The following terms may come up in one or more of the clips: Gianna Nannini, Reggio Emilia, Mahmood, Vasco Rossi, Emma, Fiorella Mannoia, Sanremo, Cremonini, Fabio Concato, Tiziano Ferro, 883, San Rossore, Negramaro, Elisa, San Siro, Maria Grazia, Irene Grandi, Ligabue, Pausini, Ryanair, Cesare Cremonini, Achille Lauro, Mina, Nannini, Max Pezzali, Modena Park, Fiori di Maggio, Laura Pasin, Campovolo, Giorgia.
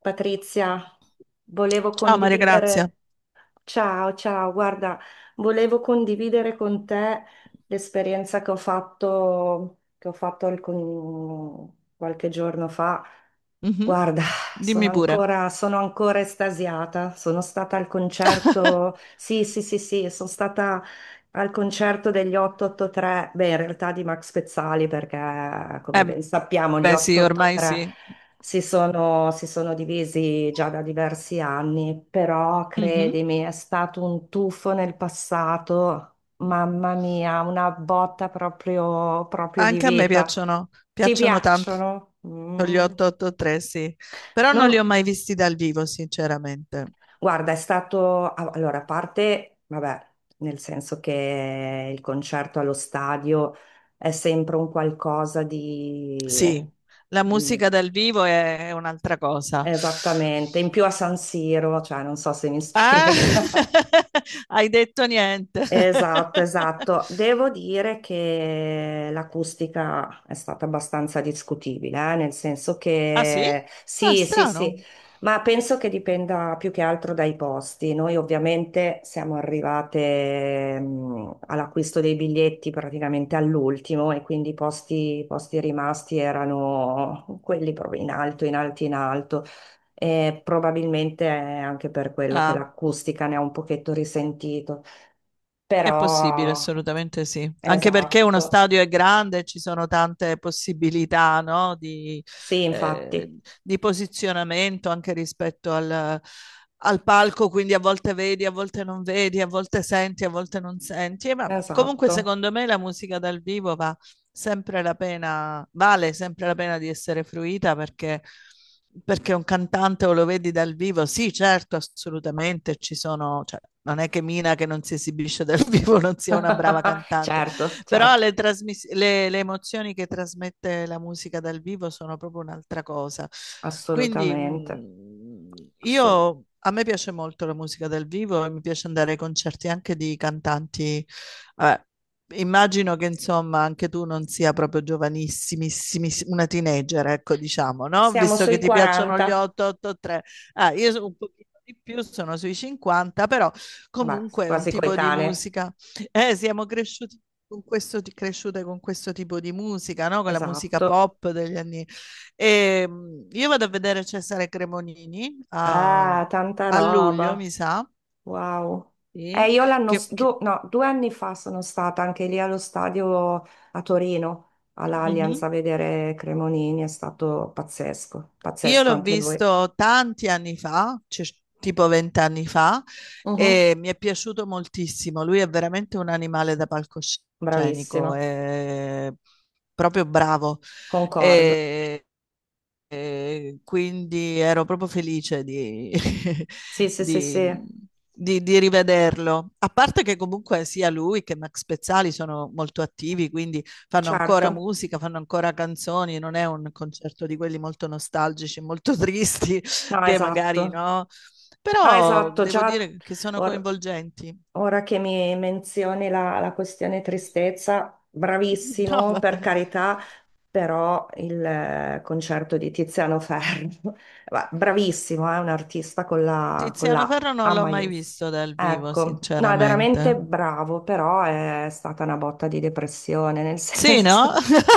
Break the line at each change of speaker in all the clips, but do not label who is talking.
Patrizia, volevo
Ciao Maria Grazia.
condividere, ciao, ciao, guarda, volevo condividere con te l'esperienza che ho fatto, qualche giorno fa.
Mhm,
Guarda,
dimmi pure.
sono ancora estasiata. Sono stata al concerto. Sì, sì, sì, sì, sono stata al concerto degli 883. Beh, in realtà di Max Pezzali, perché come
Eh
ben sappiamo, gli
beh sì, ormai
883
sì.
si sono divisi già da diversi anni. Però
Mhm.
credimi, è stato un tuffo nel passato. Mamma mia, una botta proprio di
Anche a me
vita.
piacciono,
Ti
piacciono tanto
piacciono?
gli
Mm.
883, sì. Però non li ho
Non-
mai visti dal vivo, sinceramente.
Guarda, allora, a parte, vabbè, nel senso che il concerto allo stadio è sempre un qualcosa di...
Sì, la
mm.
musica dal vivo è un'altra cosa.
Esattamente, in più a San Siro, cioè non so se mi
Ah,
spiega.
hai detto niente.
Esatto, esatto. Devo dire che l'acustica è stata abbastanza discutibile, nel senso
Ah sì?
che
Ah,
sì, sì, sì,
strano.
ma penso che dipenda più che altro dai posti. Noi ovviamente siamo arrivate all'acquisto dei biglietti praticamente all'ultimo e quindi i posti rimasti erano quelli proprio in alto, in alto, in alto. E probabilmente è anche per quello che
Ah.
l'acustica ne ha un pochetto risentito.
È possibile,
Però,
assolutamente sì. Anche perché uno
esatto,
stadio è grande e ci sono tante possibilità, no,
sì,
eh,
infatti,
di posizionamento anche rispetto al palco, quindi a volte vedi, a volte non vedi, a volte senti, a volte non senti. E vabbè. Comunque,
esatto.
secondo me, la musica dal vivo va sempre la pena, vale sempre la pena di essere fruita perché un cantante o lo vedi dal vivo, sì, certo, assolutamente ci sono. Cioè, non è che Mina che non si esibisce dal vivo non sia una brava cantante,
Certo,
però
certo,
le emozioni che trasmette la musica dal vivo sono proprio un'altra cosa. Quindi
assolutamente, assolut-
a me piace molto la musica dal vivo e mi piace andare ai concerti anche di cantanti. Vabbè, immagino che insomma anche tu non sia proprio giovanissimissimi, una teenager, ecco diciamo, no?
Siamo
Visto che
sui
ti piacciono gli
40,
883. Ah, io sono un pochino di più, sono sui 50, però
beh,
comunque è un
quasi
tipo di
coetanee,
musica. Siamo cresciuti con questo, cresciute con questo tipo di musica, no? Con la musica
esatto.
pop degli anni. E, io vado a vedere Cesare Cremonini a,
Ah, tanta
a luglio,
roba,
mi sa,
wow.
sì,
E io l'anno,
che- che-
no, due anni fa sono stata anche lì allo stadio a Torino, all'Allianz a
mhm.
vedere Cremonini, è stato pazzesco,
Io
pazzesco
l'ho
anche lui.
visto tanti anni fa, cioè, tipo 20 anni fa,
Mhm.
e mi è piaciuto moltissimo. Lui è veramente un animale da palcoscenico,
Bravissima.
è proprio bravo.
Concordo.
E E quindi ero proprio felice
Sì, sì, sì,
di-
sì,
mhmm, di rivederlo. A parte che comunque sia lui che Max Pezzali sono molto attivi, quindi fanno ancora
certo.
musica, fanno ancora canzoni, non è un concerto di quelli molto nostalgici, molto tristi,
No,
che magari
esatto.
no.
No,
Però
esatto,
devo
già
dire che sono
or-
coinvolgenti.
ora che mi menzioni la questione tristezza,
No,
bravissimo, per
vabbè.
carità, però il concerto di Tiziano Ferro, bravissimo, è un artista con con
Tiziano
la
Ferro
A
non l'ho mai
maius.
visto dal vivo,
Ecco, no, è veramente
sinceramente.
bravo, però è stata una botta di depressione, nel
Sì, no?
senso...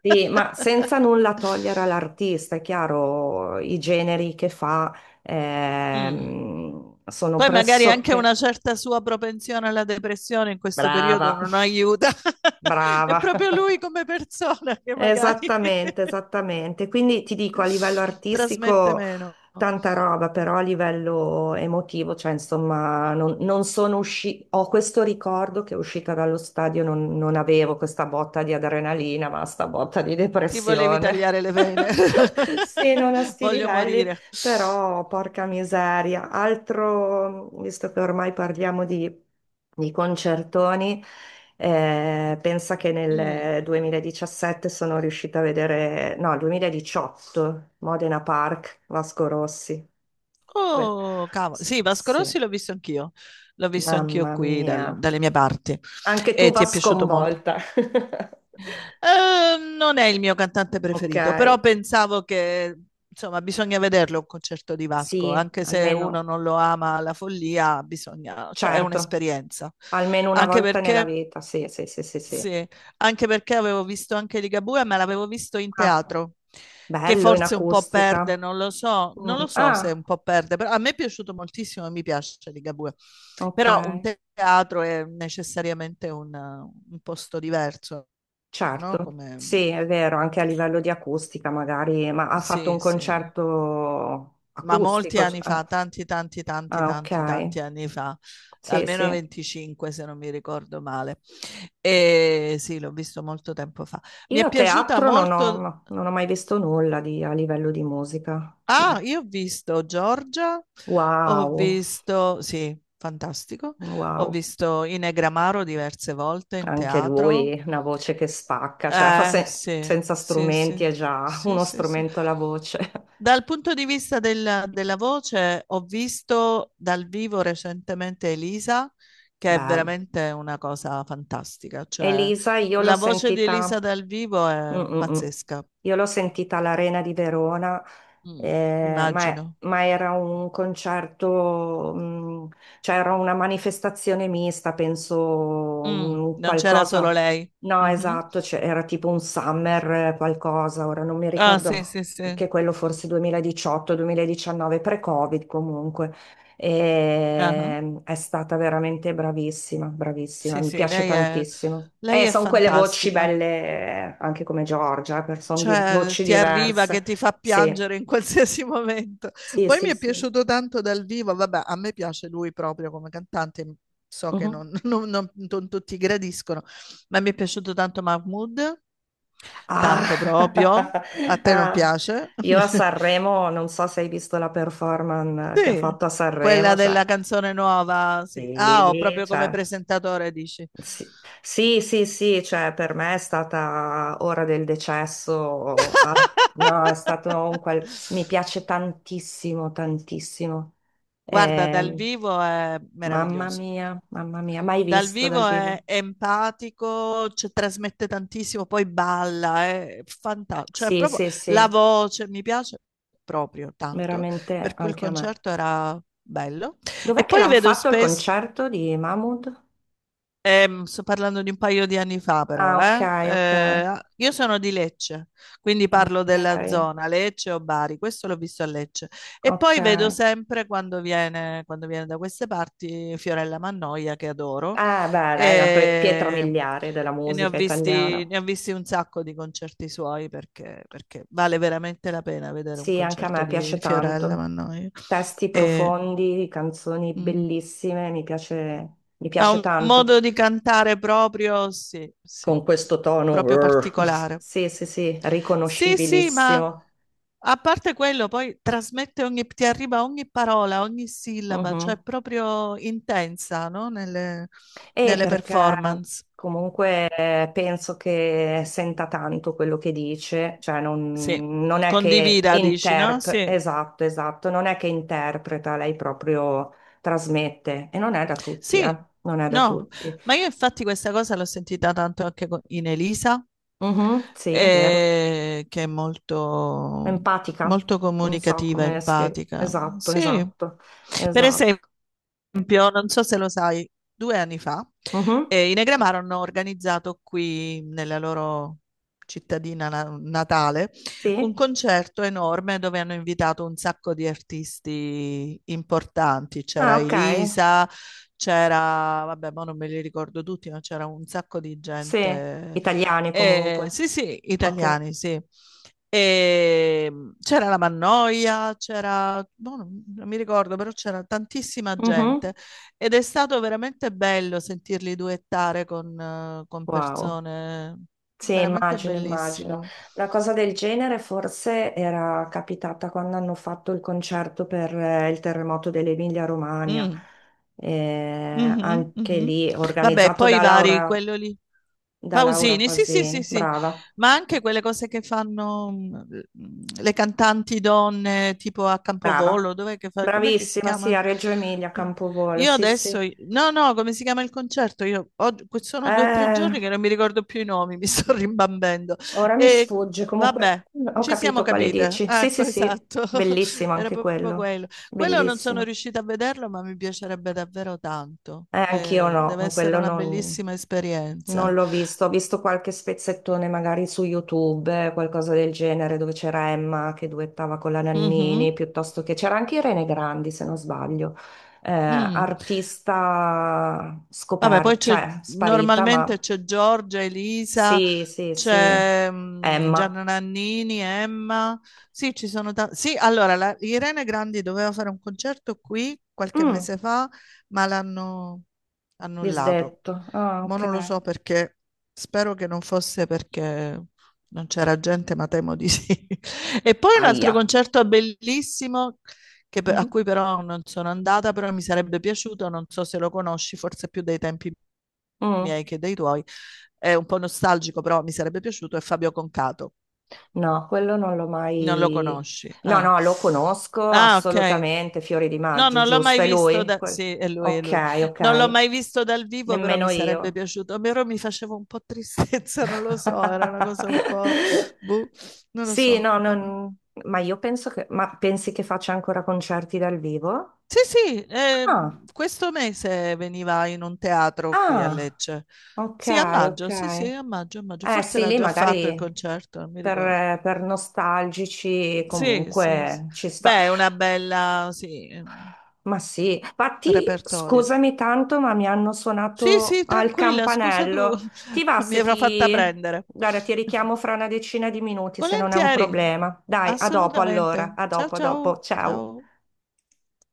Sì, ma senza nulla togliere all'artista, è chiaro, i generi che fa
Mm.
sono
Poi magari anche
pressoché
una certa sua propensione alla depressione in questo periodo
brava,
non aiuta. È
brava.
proprio lui come persona che magari
Esattamente, esattamente. Quindi ti dico, a livello
trasmette
artistico
meno.
tanta roba, però a livello emotivo, cioè insomma, non, non sono uscita, ho questo ricordo che uscita dallo stadio non, non avevo questa botta di adrenalina, ma sta botta di
Ti volevi
depressione.
tagliare le vene.
Sì, non a sti
Voglio
livelli.
morire.
Però, porca miseria, altro, visto che ormai parliamo di concertoni, pensa che
Mm.
nel 2017 sono riuscita a vedere, no, 2018, Modena Park, Vasco Rossi. Que-
Oh, cavolo. Sì, Vasco Rossi
sì,
l'ho visto anch'io. L'ho visto anch'io
mamma
qui
mia.
dalle mie parti.
Anche tu
E ti
va
è piaciuto molto.
sconvolta.
Non è il mio cantante
Ok,
preferito, però pensavo che, insomma, bisogna vederlo un concerto di Vasco,
sì,
anche se uno
almeno,
non lo ama alla follia, bisogna, cioè è
certo,
un'esperienza.
almeno una
Anche
volta nella
perché,
vita, sì, sì, sì, sì, sì.
sì, anche perché avevo visto anche Ligabue, ma l'avevo visto in
Ah.
teatro, che
Bello in
forse un po' perde,
acustica.
non lo so, non
Mm,
lo so se
Ah,
un po' perde, però a me è piaciuto moltissimo e mi piace Ligabue.
ok,
Però un teatro è necessariamente un posto diverso, no?
certo.
Come
Sì, è vero, anche a livello di acustica magari, ma ha fatto un
Sì, sì,
concerto
ma molti
acustico.
anni
Ah,
fa, tanti, tanti, tanti,
ah, ok.
tanti, tanti anni fa,
Sì,
almeno
sì.
25 se non mi ricordo male. E sì, l'ho visto molto tempo fa. Mi è
Io
piaciuta
teatro non ho,
molto.
no, non ho mai visto nulla a livello di musica.
Ah,
Ma-
io ho visto Giorgia, ho
Wow,
visto, sì, fantastico. Ho
wow.
visto Inegramaro diverse volte in
Anche
teatro.
lui, una voce che spacca, cioè fa se-
Sì,
senza
sì,
strumenti
sì,
è già
sì,
uno
sì, sì.
strumento la voce.
Dal punto di vista della voce, ho visto dal vivo recentemente Elisa, che è
Bello.
veramente una cosa fantastica. Cioè,
Elisa, io l'ho
la voce di Elisa
sentita.
dal vivo
Mm,
è
mm, mm.
pazzesca.
Io l'ho sentita all'Arena di Verona,
Mm.
ma,
Immagino.
ma era un concerto, mm, cioè era una manifestazione mista, penso
Mm,
un
non c'era solo
qualcosa.
lei.
No,
Mhm.
esatto, cioè, era tipo un summer qualcosa, ora non mi
Ah, sì,
ricordo
sì, sì.
che quello forse 2018-2019, pre-Covid comunque.
Ah,
E è stata veramente bravissima, bravissima,
sì,
mi
sì,
piace
lei è,
tantissimo.
lei
E
è
sono quelle voci
fantastica.
belle, anche come Giorgia, sono di
Cioè,
voci
ti arriva
diverse.
che ti fa
Sì,
piangere in qualsiasi momento.
sì,
Poi mi
sì,
è
sì.
piaciuto tanto dal vivo, vabbè, a me piace lui proprio come cantante, so che
Mhm.
non, non tutti gradiscono, ma mi è piaciuto tanto Mahmood,
Ah.
tanto proprio. A te non
Ah.
piace?
Io a Sanremo, non so se hai visto la performance che ha
Sì,
fatto a
quella
Sanremo, cioè,
della canzone nuova, sì. Ah, ho
sì,
proprio come
cioè,
presentatore, dici.
sì, sì, sì, sì, cioè per me è stata ora del decesso, ah, no, è stato un qual... mi piace tantissimo, tantissimo.
Guarda, dal
Ehm,
vivo è meraviglioso.
mamma mia, mai
Dal
visto dal
vivo
vivo.
è empatico, cioè, trasmette tantissimo, poi balla, è fantastico. Cioè,
Sì,
proprio
sì,
la
sì,
voce mi piace proprio tanto,
veramente
per cui il
anche a me.
concerto era bello.
Dov'è
E
che
poi
l'hanno
vedo
fatto il
spesso.
concerto di Mahmood?
Sto parlando di un paio di anni fa, però,
Ah, ok,
eh?
ok,
Ah, io sono di Lecce, quindi parlo della
ok,
zona Lecce o Bari. Questo l'ho visto a Lecce. E
ok.
poi vedo sempre quando viene da queste parti Fiorella Mannoia, che adoro.
Beh, lei è una pietra
E,
miliare della
e ne ho
musica
visti,
italiana.
ne ho visti un sacco di concerti suoi perché vale veramente la pena vedere un
Sì, anche a
concerto
me
di,
piace
di Fiorella
tanto.
Mannoia.
Testi
E,
profondi, canzoni
mm.
bellissime, mi
Ha
piace
un
tanto.
modo di cantare proprio, sì, sì,
Con questo tono,
proprio
urr.
particolare.
Sì, sì, sì,
Sì, sì, ma
riconoscibilissimo.
a parte quello, poi trasmette ogni, ti arriva ogni parola, ogni sillaba, cioè
Mhm.
è proprio intensa, no? Nelle,
E
nelle
perché
performance.
comunque penso che senta tanto quello che dice, cioè
Sì,
non, non è che
condivida, dici, no?
interpreta,
Sì.
esatto, esatto, non è che interpreta, lei proprio trasmette e non è da tutti,
Sì,
non è da
no,
tutti.
ma io infatti questa cosa l'ho sentita tanto anche in Elisa,
Mhm, sì, è vero.
che è molto,
Empatica,
molto
non so
comunicativa,
come spiegare.
empatica.
Esatto,
Sì,
esatto,
per
esatto.
esempio, non so se lo sai, 2 anni fa
Mhm,
i Negramaro hanno organizzato qui nella loro cittadina natale un
sì,
concerto enorme dove hanno invitato un sacco di artisti importanti.
ah,
C'era
ok,
Elisa, c'era, vabbè, ma non me li ricordo tutti, ma c'era un sacco di
sì,
gente.
italiani comunque,
Sì, sì,
ok.
italiani, sì. E c'era la Mannoia, c'era, boh, non mi ricordo, però c'era tantissima
Mhm.
gente ed è stato veramente bello sentirli duettare con
Wow,
persone,
sì,
veramente
immagino, immagino.
bellissimo.
Una cosa del genere forse era capitata quando hanno fatto il concerto per il terremoto dell'Emilia-Romagna.
Mm. Mhm,
Anche
mhm.
lì
Vabbè,
organizzato
poi i vari, quello lì.
Da Laura
Pausini, sì, sì, sì,
Pasin,
sì,
brava.
ma
Sì.
anche quelle cose che fanno le cantanti donne, tipo a
Brava,
Campovolo, dov'è che fa? Com'è che si
bravissima, sì,
chiama?
a Reggio Emilia, a
Pa-
Campovolo,
Io
sì,
adesso,
sì.
no, no, come si chiama il concerto? Sono due o tre
Eh,
giorni che non mi ricordo più i nomi, mi sto rimbambendo.
ora mi
E
sfugge, comunque
vabbè,
ho
ci siamo
capito quale
capite.
dici. Sì,
Ecco,
sì, sì,
esatto,
bellissimo
era
anche
proprio
quello,
quello. Quello non sono
bellissimo.
riuscita a vederlo, ma mi piacerebbe davvero tanto.
Anch'io no,
Deve essere
quello
una
non,
bellissima
non
esperienza.
l'ho visto, ho visto qualche spezzettone magari su YouTube, qualcosa del genere, dove c'era Emma che duettava con la Nannini,
Mhm.
piuttosto che c'era anche Irene Grandi, se non sbaglio
Mm.
artista
Vabbè, poi
scoperta,
c'è
cioè sparita,
normalmente
ma
c'è Giorgia, Elisa.
sì, sì, sì.
C'è
Emma.
Gianna Nannini, Emma. Sì, ci sono tanti. Sì, allora, Irene Grandi doveva fare un concerto qui qualche
Mm,
mese fa, ma l'hanno annullato.
disdetto. Ah,
Ma
ok.
non lo so perché, spero che non fosse perché non c'era gente, ma temo di sì. E poi un
Aia.
altro concerto bellissimo, che a
Mhm.
cui però non sono andata, però mi sarebbe piaciuto, non so se lo conosci, forse più dei tempi
Mm.
miei che dei tuoi, è un po' nostalgico, però mi sarebbe piaciuto, è Fabio Concato.
No, quello non l'ho
Non lo
mai...
conosci?
No,
Ah,
no, lo conosco
ah, ok.
assolutamente, Fiori di
No,
Maggio,
non l'ho
giusto?
mai
È
visto
lui?
da... Sì, è lui, è
Ok,
lui. Non l'ho
ok.
mai visto dal vivo, però mi
Nemmeno
sarebbe
io.
piaciuto. Però mi faceva un po' tristezza, non lo so, era una cosa un po'... Boh, non lo
Sì,
so.
no,
Vabbè.
non... ma io penso che... Ma pensi che faccia ancora concerti dal vivo?
Sì, sì,
Ah,
questo mese veniva in un teatro qui a
ah,
Lecce.
ok,
Sì, a
ok.
maggio, sì, sì, a maggio, a maggio.
Eh
Forse
sì,
l'ha
lì
già fatto il
magari
concerto, non mi ricordo.
per nostalgici
Sì, sì, sì.
comunque ci sta.
Beh, è una bella, sì,
Ma sì, infatti
repertorio.
scusami tanto, ma mi hanno
Sì,
suonato
sì,
al
tranquilla, scusa tu,
campanello. Ti va
mi
se
avrò fatta
ti...
prendere.
Guarda, ti richiamo fra una 10 di minuti se non è un
Volentieri,
problema. Dai, a dopo allora,
assolutamente.
a
Ciao,
dopo, a dopo.
ciao,
Ciao.
ciao.